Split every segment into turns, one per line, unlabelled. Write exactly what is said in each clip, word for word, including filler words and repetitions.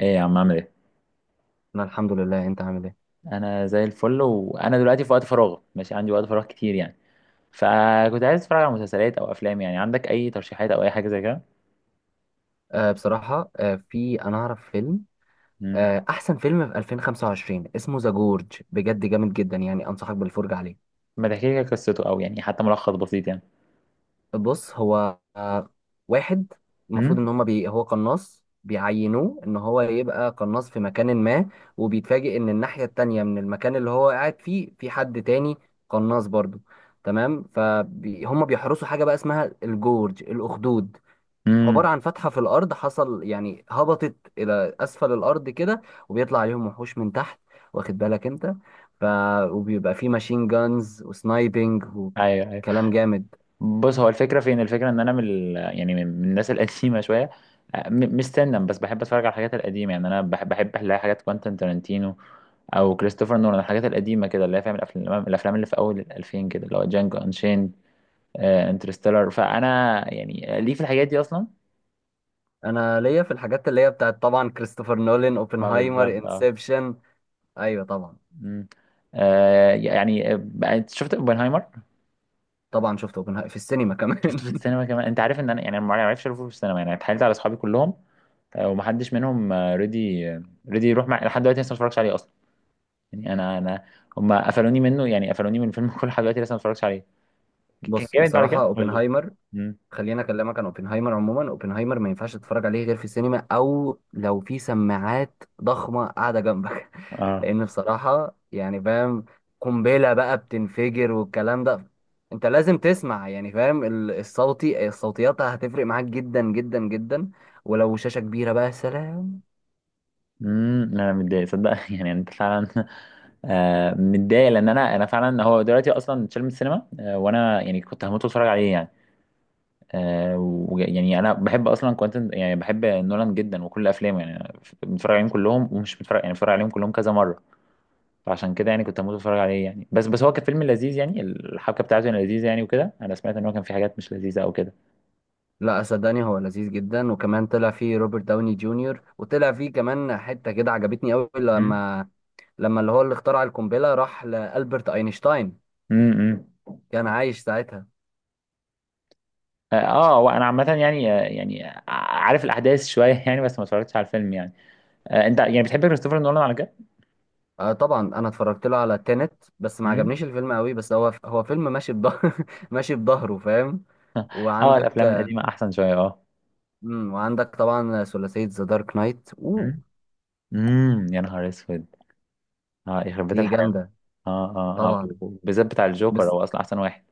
ايه يا عم، عامل ايه؟
انا الحمد لله، انت عامل ايه؟
انا زي الفل، وانا دلوقتي في وقت فراغ، ماشي، عندي وقت فراغ كتير يعني. فكنت عايز اتفرج على مسلسلات او افلام. يعني عندك اي ترشيحات او اي حاجه زي كده؟
آه بصراحه، آه في انا اعرف فيلم.
امم
آه احسن فيلم في ألفين وخمسة وعشرين اسمه ذا جورج، بجد جامد جدا، يعني انصحك بالفرجه عليه.
ما تحكي لي كده قصته، او يعني حتى ملخص بسيط يعني.
بص، هو آه واحد، المفروض ان
امم،
هما بي هو قناص، بيعينوه ان هو يبقى قناص في مكان ما. وبيتفاجئ ان الناحيه التانية من المكان اللي هو قاعد فيه في حد تاني، قناص برضه. تمام، فهم بيحرسوا حاجه بقى اسمها الجورج الاخدود، عبارة
امم.
عن فتحة في الأرض، حصل يعني هبطت إلى أسفل الأرض كده. وبيطلع عليهم وحوش من تحت، واخد بالك أنت؟ ف... وبيبقى فيه ماشين جانز وسنايبنج
ايوه، ايوه.
وكلام جامد.
بص، هو الفكره، فين الفكره ان انا من ال... يعني من من الناس القديمه شويه. أه، م- مش سنا، بس بحب اتفرج على الحاجات القديمه يعني، انا بحب بحب الاقي حاجات كوانتين تارانتينو او كريستوفر نولان، الحاجات القديمه كده اللي هي فاهم، الافلام الافلام اللي في اول الألفين كده، اللي هو جانجو انشين، انترستيلر. فانا يعني ليه في الحاجات دي اصلا.
أنا ليا في الحاجات اللي هي بتاعت طبعا كريستوفر نولان،
ما اه،
أوبنهايمر،
بالظبط اه.
إنسبشن. أيوة طبعا.
مم. آه، يعني آه، انت شفت اوبنهايمر؟
طبعا شفت أوبنهايمر في السينما
شفته
كمان
في السينما كمان. انت عارف ان انا يعني أنا ما عرفش اشوفه في السينما يعني، اتحايلت على اصحابي كلهم. آه، ومحدش منهم ريدي ريدي يروح مع، لحد دلوقتي لسه ما اتفرجش عليه اصلا. يعني انا انا هم قفلوني منه، يعني قفلوني من الفيلم كله لحد دلوقتي لسه ما اتفرجش عليه. كان
بص،
جامد؟ بعد
بصراحة
كده قول لي.
أوبنهايمر،
مم.
خليني اكلمك عن اوبنهايمر. عموما اوبنهايمر ما ينفعش تتفرج عليه غير في السينما، او لو في سماعات ضخمه قاعده جنبك
اه.
لان بصراحه يعني فاهم، قنبله بقى بتنفجر والكلام ده، انت لازم تسمع يعني فاهم ال- الصوتي الصوتيات هتفرق معاك جدا جدا جدا. ولو شاشه كبيره بقى سلام.
امم، انا متضايق صدق يعني انت فعلا. آه متضايق، لان انا انا فعلا، هو دلوقتي اصلا اتشال من السينما، آه وانا يعني كنت هموت واتفرج عليه يعني. آه و- يعني انا بحب اصلا كوانتن، يعني بحب نولان جدا وكل افلامه يعني، أنا ف- بتفرج عليهم كلهم، ومش بتفرج، يعني بتفرج عليهم كلهم كذا مره. فعشان كده يعني كنت هموت واتفرج عليه يعني. بس بس هو كان فيلم لذيذ يعني، الحبكه بتاعته كانت لذيذه يعني، وكده انا سمعت ان هو كان في حاجات مش لذيذه او كده.
لا صدقني، هو لذيذ جدا، وكمان طلع فيه روبرت داوني جونيور، وطلع فيه كمان حته كده عجبتني قوي
مم.
لما لما اللي هو اللي اخترع القنبله راح لالبرت اينشتاين،
امم.
كان عايش ساعتها.
اه. آه، وانا عامه يعني، آه، يعني عارف الاحداث شويه يعني، بس ما اتفرجتش على الفيلم يعني. آه انت يعني بتحب كريستوفر نولان على
آه طبعا انا اتفرجت له على تينت، بس ما
كده.
عجبنيش الفيلم قوي، بس هو هو فيلم ماشي بظهر ماشي بظهره فاهم.
اه،
وعندك
الافلام
آه،
القديمه احسن شويه اه.
مم، وعندك طبعا ثلاثية ذا دارك نايت، اوه
امم. أمم، يا نهار اسود! اه، يخرب بيت
دي
الحلاوه!
جامدة،
اه، اه، اه.
طبعا.
بالذات بتاع الجوكر
بس
هو اصلا احسن واحد.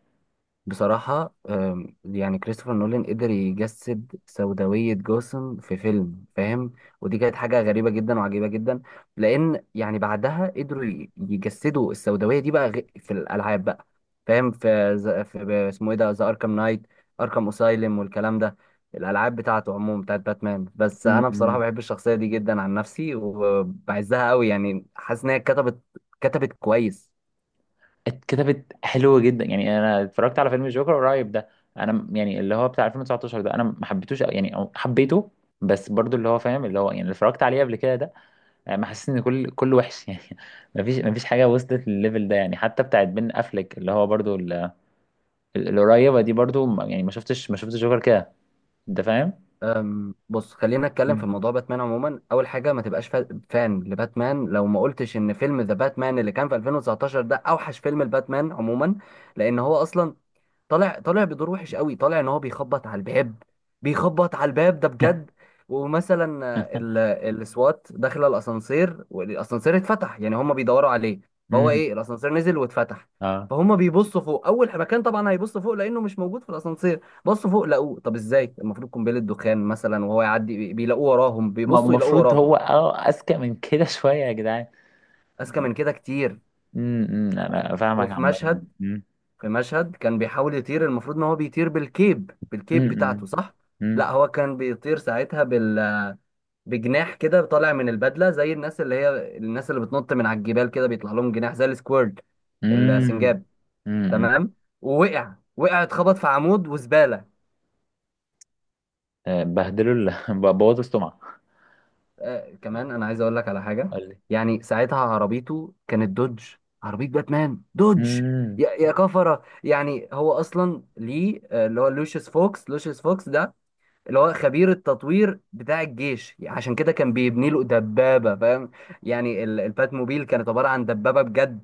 بصراحة آم، يعني كريستوفر نولان قدر يجسد سوداوية جوثام في فيلم فاهم، ودي كانت حاجة غريبة جدا وعجيبة جدا، لأن يعني بعدها قدروا ي- يجسدوا السوداوية دي بقى غ- في الألعاب بقى، فاهم. في, ز- في اسمه إيه ده، ذا أركام نايت، أركام أسايلم والكلام ده. الألعاب بتاعته عموما بتاعت باتمان. بس أنا بصراحة
امم.
بحب الشخصية دي جدا عن نفسي وبعزها قوي، يعني حاسس إن هي كتبت كتبت كويس.
اتكتبت حلو جدا يعني. انا اتفرجت على فيلم الجوكر قريب ده، انا م- يعني اللي هو بتاع الفين وتسعة عشر ده، انا ما حبيتوش أوي، يعني أو حبيته، بس برضو اللي هو فاهم اللي هو يعني اللي اتفرجت عليه قبل كده ده، آه، ما حسيت ان كل كل وحش يعني. ما فيش ما فيش حاجه وصلت للليفل ده يعني، حتى بتاعت بين افلك اللي هو برضو ال- ال- القريبه دي برضو، ما- يعني ما شفتش ما شفتش جوكر كده، انت فاهم.
أم، بص، خلينا نتكلم في موضوع باتمان. عموما اول حاجه ما تبقاش فا- فان لباتمان لو ما قلتش ان فيلم ذا باتمان اللي كان في ألفين وتسعتاشر ده اوحش فيلم لباتمان عموما. لان هو اصلا طالع طالع بدور وحش قوي، طالع ان هو بيخبط على الباب، بيخبط على الباب ده بجد. ومثلا آه، ال- السوات داخل الاسانسير، والاسانسير اتفتح يعني هم بيدوروا عليه، فهو
امم،
ايه، الاسانسير نزل واتفتح.
اه.
فهم بيبصوا فوق، اول مكان طبعا هيبصوا فوق لانه مش موجود في الاسانسير. بصوا فوق لقوه، طب ازاي؟ المفروض قنبله دخان مثلا وهو يعدي، بي- بيلاقوه وراهم،
ما هو
بيبصوا يلاقوه
المفروض
وراهم.
هو اه، اذكى من كده شويه يا جدعان.
اذكى من كده كتير.
امم، أمم، انا فاهمك
وفي
عامه.
مشهد،
امم،
في مشهد كان بيحاول يطير، المفروض ان هو بيطير بالكيب، بالكيب
امم،
بتاعته صح.
امم،
لا هو كان بيطير ساعتها بال بجناح كده طالع من البدله، زي الناس اللي هي الناس اللي بتنط من على الجبال كده بيطلع لهم جناح زي السكويرد،
امم،
السنجاب،
امم.
تمام. ووقع، وقع اتخبط في عمود وزباله.
آه، بهدلوا ال- بوظوا السمعه.
آه كمان انا عايز اقول لك على حاجه،
قال لي.
يعني ساعتها عربيته كانت دوج، عربيه باتمان دوج.
امم،
يا يا كفره، يعني هو اصلا ليه، آه، اللي هو لوشيس فوكس، لوشيس فوكس ده اللي هو خبير التطوير بتاع الجيش، عشان كده كان بيبني له دبابة فاهم. يعني ال- البات موبيل كانت عبارة عن دبابة بجد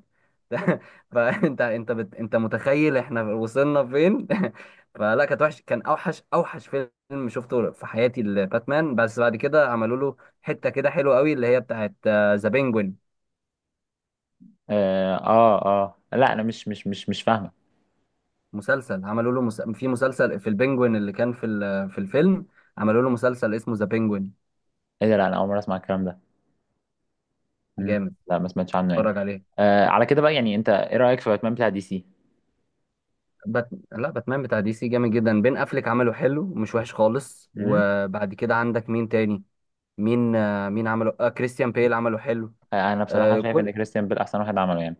فانت انت بت... انت متخيل احنا وصلنا فين؟ فلا كانت وحش، كان اوحش، اوحش فيلم شفته في حياتي، الباتمان. بس بعد كده عملوا له حتة كده حلوة قوي اللي هي بتاعت ذا بينجوين.
اه، اه، آه. لا، انا مش مش مش مش فاهمه.
مسلسل، عملوا له مس... في مسلسل في البينجوين اللي كان في ال... في الفيلم، عملوا له مسلسل اسمه ذا بينجوين.
ايه ده؟ لا انا اول مره اسمع الكلام ده. مم.
جامد،
لا ما سمعتش عنه
اتفرج
يعني.
عليه.
آه على كده بقى، يعني انت ايه رايك في باتمان بتاع دي سي؟
بات... لا، باتمان بتاع دي سي جامد جدا، بين افليك عمله حلو مش وحش خالص.
امم.
وبعد كده عندك مين تاني، مين آه، مين عمله، آه كريستيان بيل عمله حلو.
آه انا بصراحه
آه
شايف ان
كل
كريستيان بيل احسن واحد عمله يعني،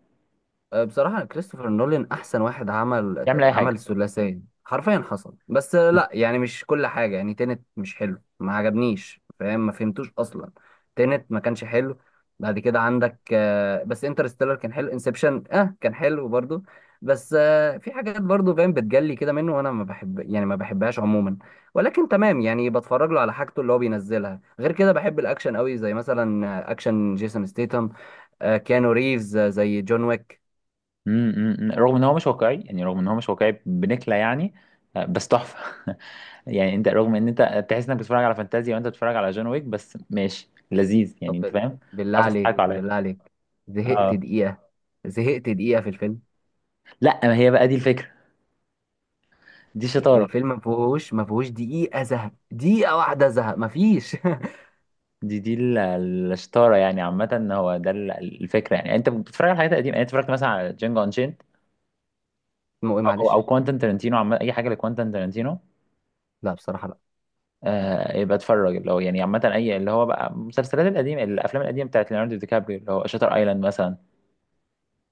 آه، بصراحة كريستوفر نولان أحسن واحد، عمل
يعمل اي
عمل
حاجه.
الثلاثية حرفيا حصل. بس آه، لا يعني مش كل حاجة، يعني تينت مش حلو، ما عجبنيش فاهم، ما فهمتوش أصلا. تينت ما كانش حلو. بعد كده عندك آه، بس انترستيلر كان حلو، انسبشن اه كان حلو برضو. بس آه، في حاجات برضو فاهم بتجلي كده منه، وانا ما بحب يعني ما بحبهاش عموما. ولكن تمام، يعني بتفرج له على حاجته اللي هو بينزلها. غير كده بحب الاكشن قوي، زي مثلا آه، اكشن جيسون ستيتم، آه، كيانو ريفز، آه، زي جون ويك.
مم، مم، مم. رغم ان هو مش واقعي يعني، رغم ان هو مش واقعي، بنكله يعني. آه، بس تحفه. يعني انت، رغم ان انت تحس انك بتتفرج على فانتازيا وانت بتتفرج على جون ويك، بس ماشي لذيذ
طب
يعني، انت
بال-
فاهم.
بالله
عارف تضحك
عليك،
عليا.
بالله عليك. زهقت
اه.
دقيقة، زهقت دقيقة في الفيلم.
لا، ما هي بقى دي الفكره. دي شطاره.
الفيلم ما فيهوش ما فيهوش دقيقة زهق، دقيقة واحدة زهق، ما فيش
دي دي ال- الشطاره يعني، عامه هو ده ال- الفكره، يعني انت بتتفرج على حاجات قديمه يعني. أنت اتفرجت مثلا على جينجو انشيند،
اسمه ايه
او
معلش؟
او كوانتن ترنتينو، عامه اي حاجه لكوانتن ترنتينو.
لا بصراحة لا.
آه يبقى اتفرج اللي هو يعني عامة، أي اللي هو بقى المسلسلات القديمة الأفلام القديمة بتاعت ليوناردو دي كابريو، اللي هو شاتر أيلاند مثلا.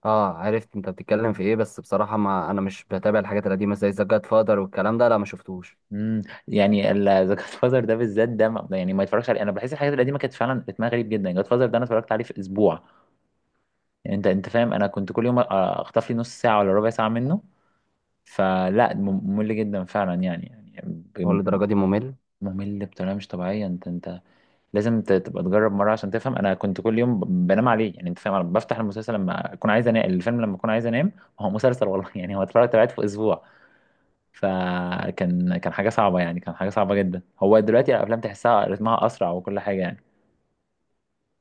اه عرفت انت بتتكلم في ايه، بس بصراحة ما انا مش بتابع الحاجات القديمة زي ذا جاد فادر والكلام ده، لا ما شفتوش.
مم. يعني ذا جاد فازر ده بالذات ده ما- يعني ما يتفرجش عليه. أنا بحس الحاجات القديمة كانت فعلا رتمها غريب جدا. جاد فازر ده أنا اتفرجت عليه في أسبوع، يعني أنت أنت فاهم، أنا كنت كل يوم أ- أخطف لي نص ساعة ولا ربع ساعة منه. فلا، مم- ممل جدا فعلا يعني يعني
هو
ب-
للدرجة دي ممل؟
ممل بطريقة مش طبيعية. أنت أنت لازم ت- تبقى تجرب مره عشان تفهم. انا كنت كل يوم ب- بنام عليه يعني، انت فاهم. أنا بفتح المسلسل لما اكون عايز انام، الفيلم لما اكون عايز انام. هو مسلسل والله يعني، هو اتفرجت عليه في اسبوع، فكان كان حاجه صعبه يعني، كان حاجه صعبه جدا. هو دلوقتي الافلام تحسها رتمها اسرع وكل حاجه يعني.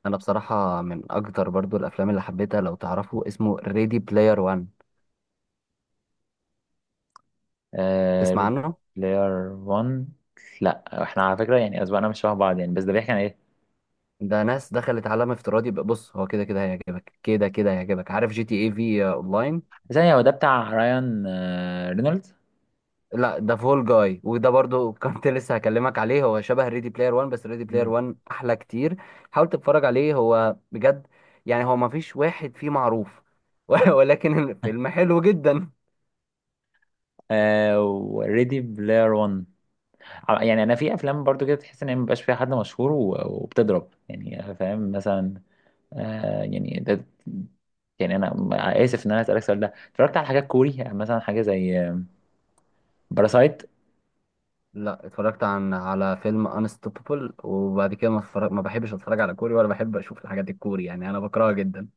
انا بصراحة من اكتر برضو الافلام اللي حبيتها، لو تعرفوا اسمه، ريدي بلاير وان،
آه،
تسمع عنه؟
بلاير واحد. لا، احنا على فكره يعني اذواقنا مش شبه بعض يعني، بس ده بيحكي عن ايه؟
ده ناس دخلت عالم افتراضي بقى- بص هو كده كده هيعجبك، كده كده هيعجبك، عارف جي تي اي في اونلاين؟
ثانيه، هو ده بتاع رايان آه رينولدز؟
لا ده فول جاي، وده برضو كنت لسه هكلمك عليه، هو شبه ريدي بلاير ون، بس ريدي بلاير
مم.
ون احلى كتير. حاول تتفرج عليه هو بجد، يعني هو ما فيش واحد فيه معروف ولكن الفيلم حلو جدا.
آه وريدي بلاير واحد. ع- يعني انا في افلام برضو كده تحس ان هي مبقاش فيها حد مشهور و- وبتضرب يعني، فاهم مثلا. آه يعني ده، يعني انا م- اسف ان انا اسالك السؤال ده، اتفرجت على حاجات كوري؟ يعني مثلا حاجه زي باراسايت.
لا اتفرجت عن على فيلم انستوبابل. وبعد كده ما, اتفرج... ما بحبش اتفرج على كوري، ولا بحب اشوف الحاجات الكوري، يعني انا بكرهها جدا.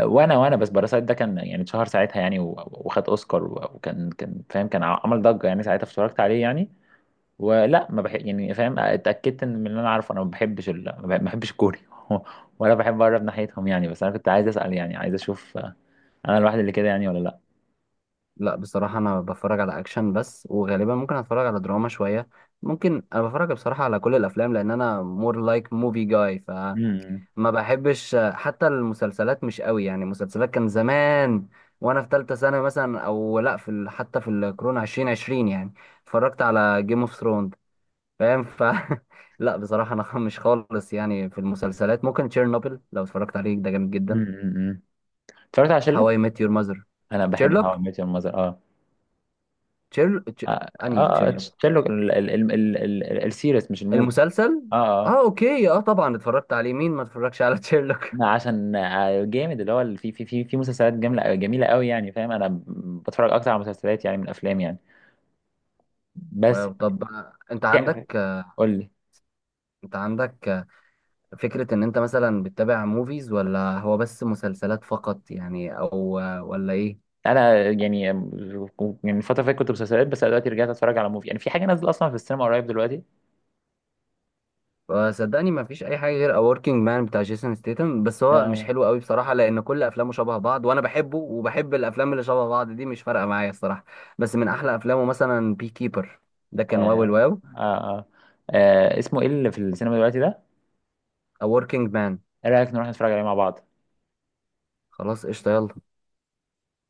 وانا وانا بس باراسايت ده كان يعني اتشهر ساعتها يعني، و- وخد اوسكار، و- وكان كان فاهم، كان ع- عمل ضجه يعني، ساعتها اتفرجت عليه يعني. ولا ما بحب يعني فاهم. اتاكدت ان، من اللي انا عارفه، انا ما بحبش ال... ما بح- ما بحبش الكوري ولا بحب اقرب ناحيتهم يعني. بس انا كنت عايز اسال يعني، عايز اشوف آه، انا الواحد اللي كده يعني ولا؟
لا بصراحة أنا بتفرج على أكشن بس، وغالبا ممكن أتفرج على دراما شوية. ممكن أنا بتفرج بصراحة على كل الأفلام، لأن أنا more like movie guy.
لا.
فما بحبش حتى المسلسلات مش قوي، يعني المسلسلات كان زمان، وأنا في تالتة سنة مثلا أو لأ في ال... حتى في الكورونا عشرين عشرين يعني، اتفرجت على جيم اوف ثرونز فاهم ف لا بصراحة أنا مش خالص، يعني في المسلسلات ممكن تشيرنوبل لو اتفرجت عليه ده جامد جدا،
أمم، أمم، أمم. اتفرجت على شيرلوك؟
هواي ميت يور ماذر،
انا بحب هاو اي
تشيرلوك.
ميت يور ماذر اه.
تشيرل تش...
اه،
أنهي
آه،
تشيرلوك؟
شيرلوك ال- ال- ال- ال- ال- السيريس مش الموفي.
المسلسل؟
اه. اه
اه اوكي، اه طبعا اتفرجت عليه، مين ما اتفرجش على تشيرلوك؟
أنا عشان آه، جامد، اللي هو ال- في في في في مسلسلات جميله جميله قوي يعني، فاهم، انا ب- بتفرج اكتر على مسلسلات يعني، من افلام يعني. بس
واو. طب آه، انت عندك آه،
قول لي.
انت عندك آه، فكرة ان انت مثلا بتتابع موفيز ولا هو بس مسلسلات فقط يعني، او آه، ولا ايه؟
انا يعني يعني الفتره اللي فاتت كنت مسلسلات بس، أنا دلوقتي رجعت اتفرج على موفي يعني. في حاجه نازله اصلا في السينما قريب دلوقتي.
آه، صدقني ما فيش اي حاجة غير A Working Man بتاع جيسون ستيتم. بس هو مش
آه،
حلو قوي بصراحة، لان كل افلامه شبه بعض، وانا بحبه وبحب الافلام اللي شبه بعض دي، مش فارقة معايا الصراحة. بس من احلى افلامه مثلا بي كيبر، ده كان واو
آه،
الواو.
آه، آه. آه اسمه ايه اللي في السينما دلوقتي ده؟
A Working Man.
ايه رايك نروح نتفرج عليه مع بعض؟
خلاص قشطة يلا.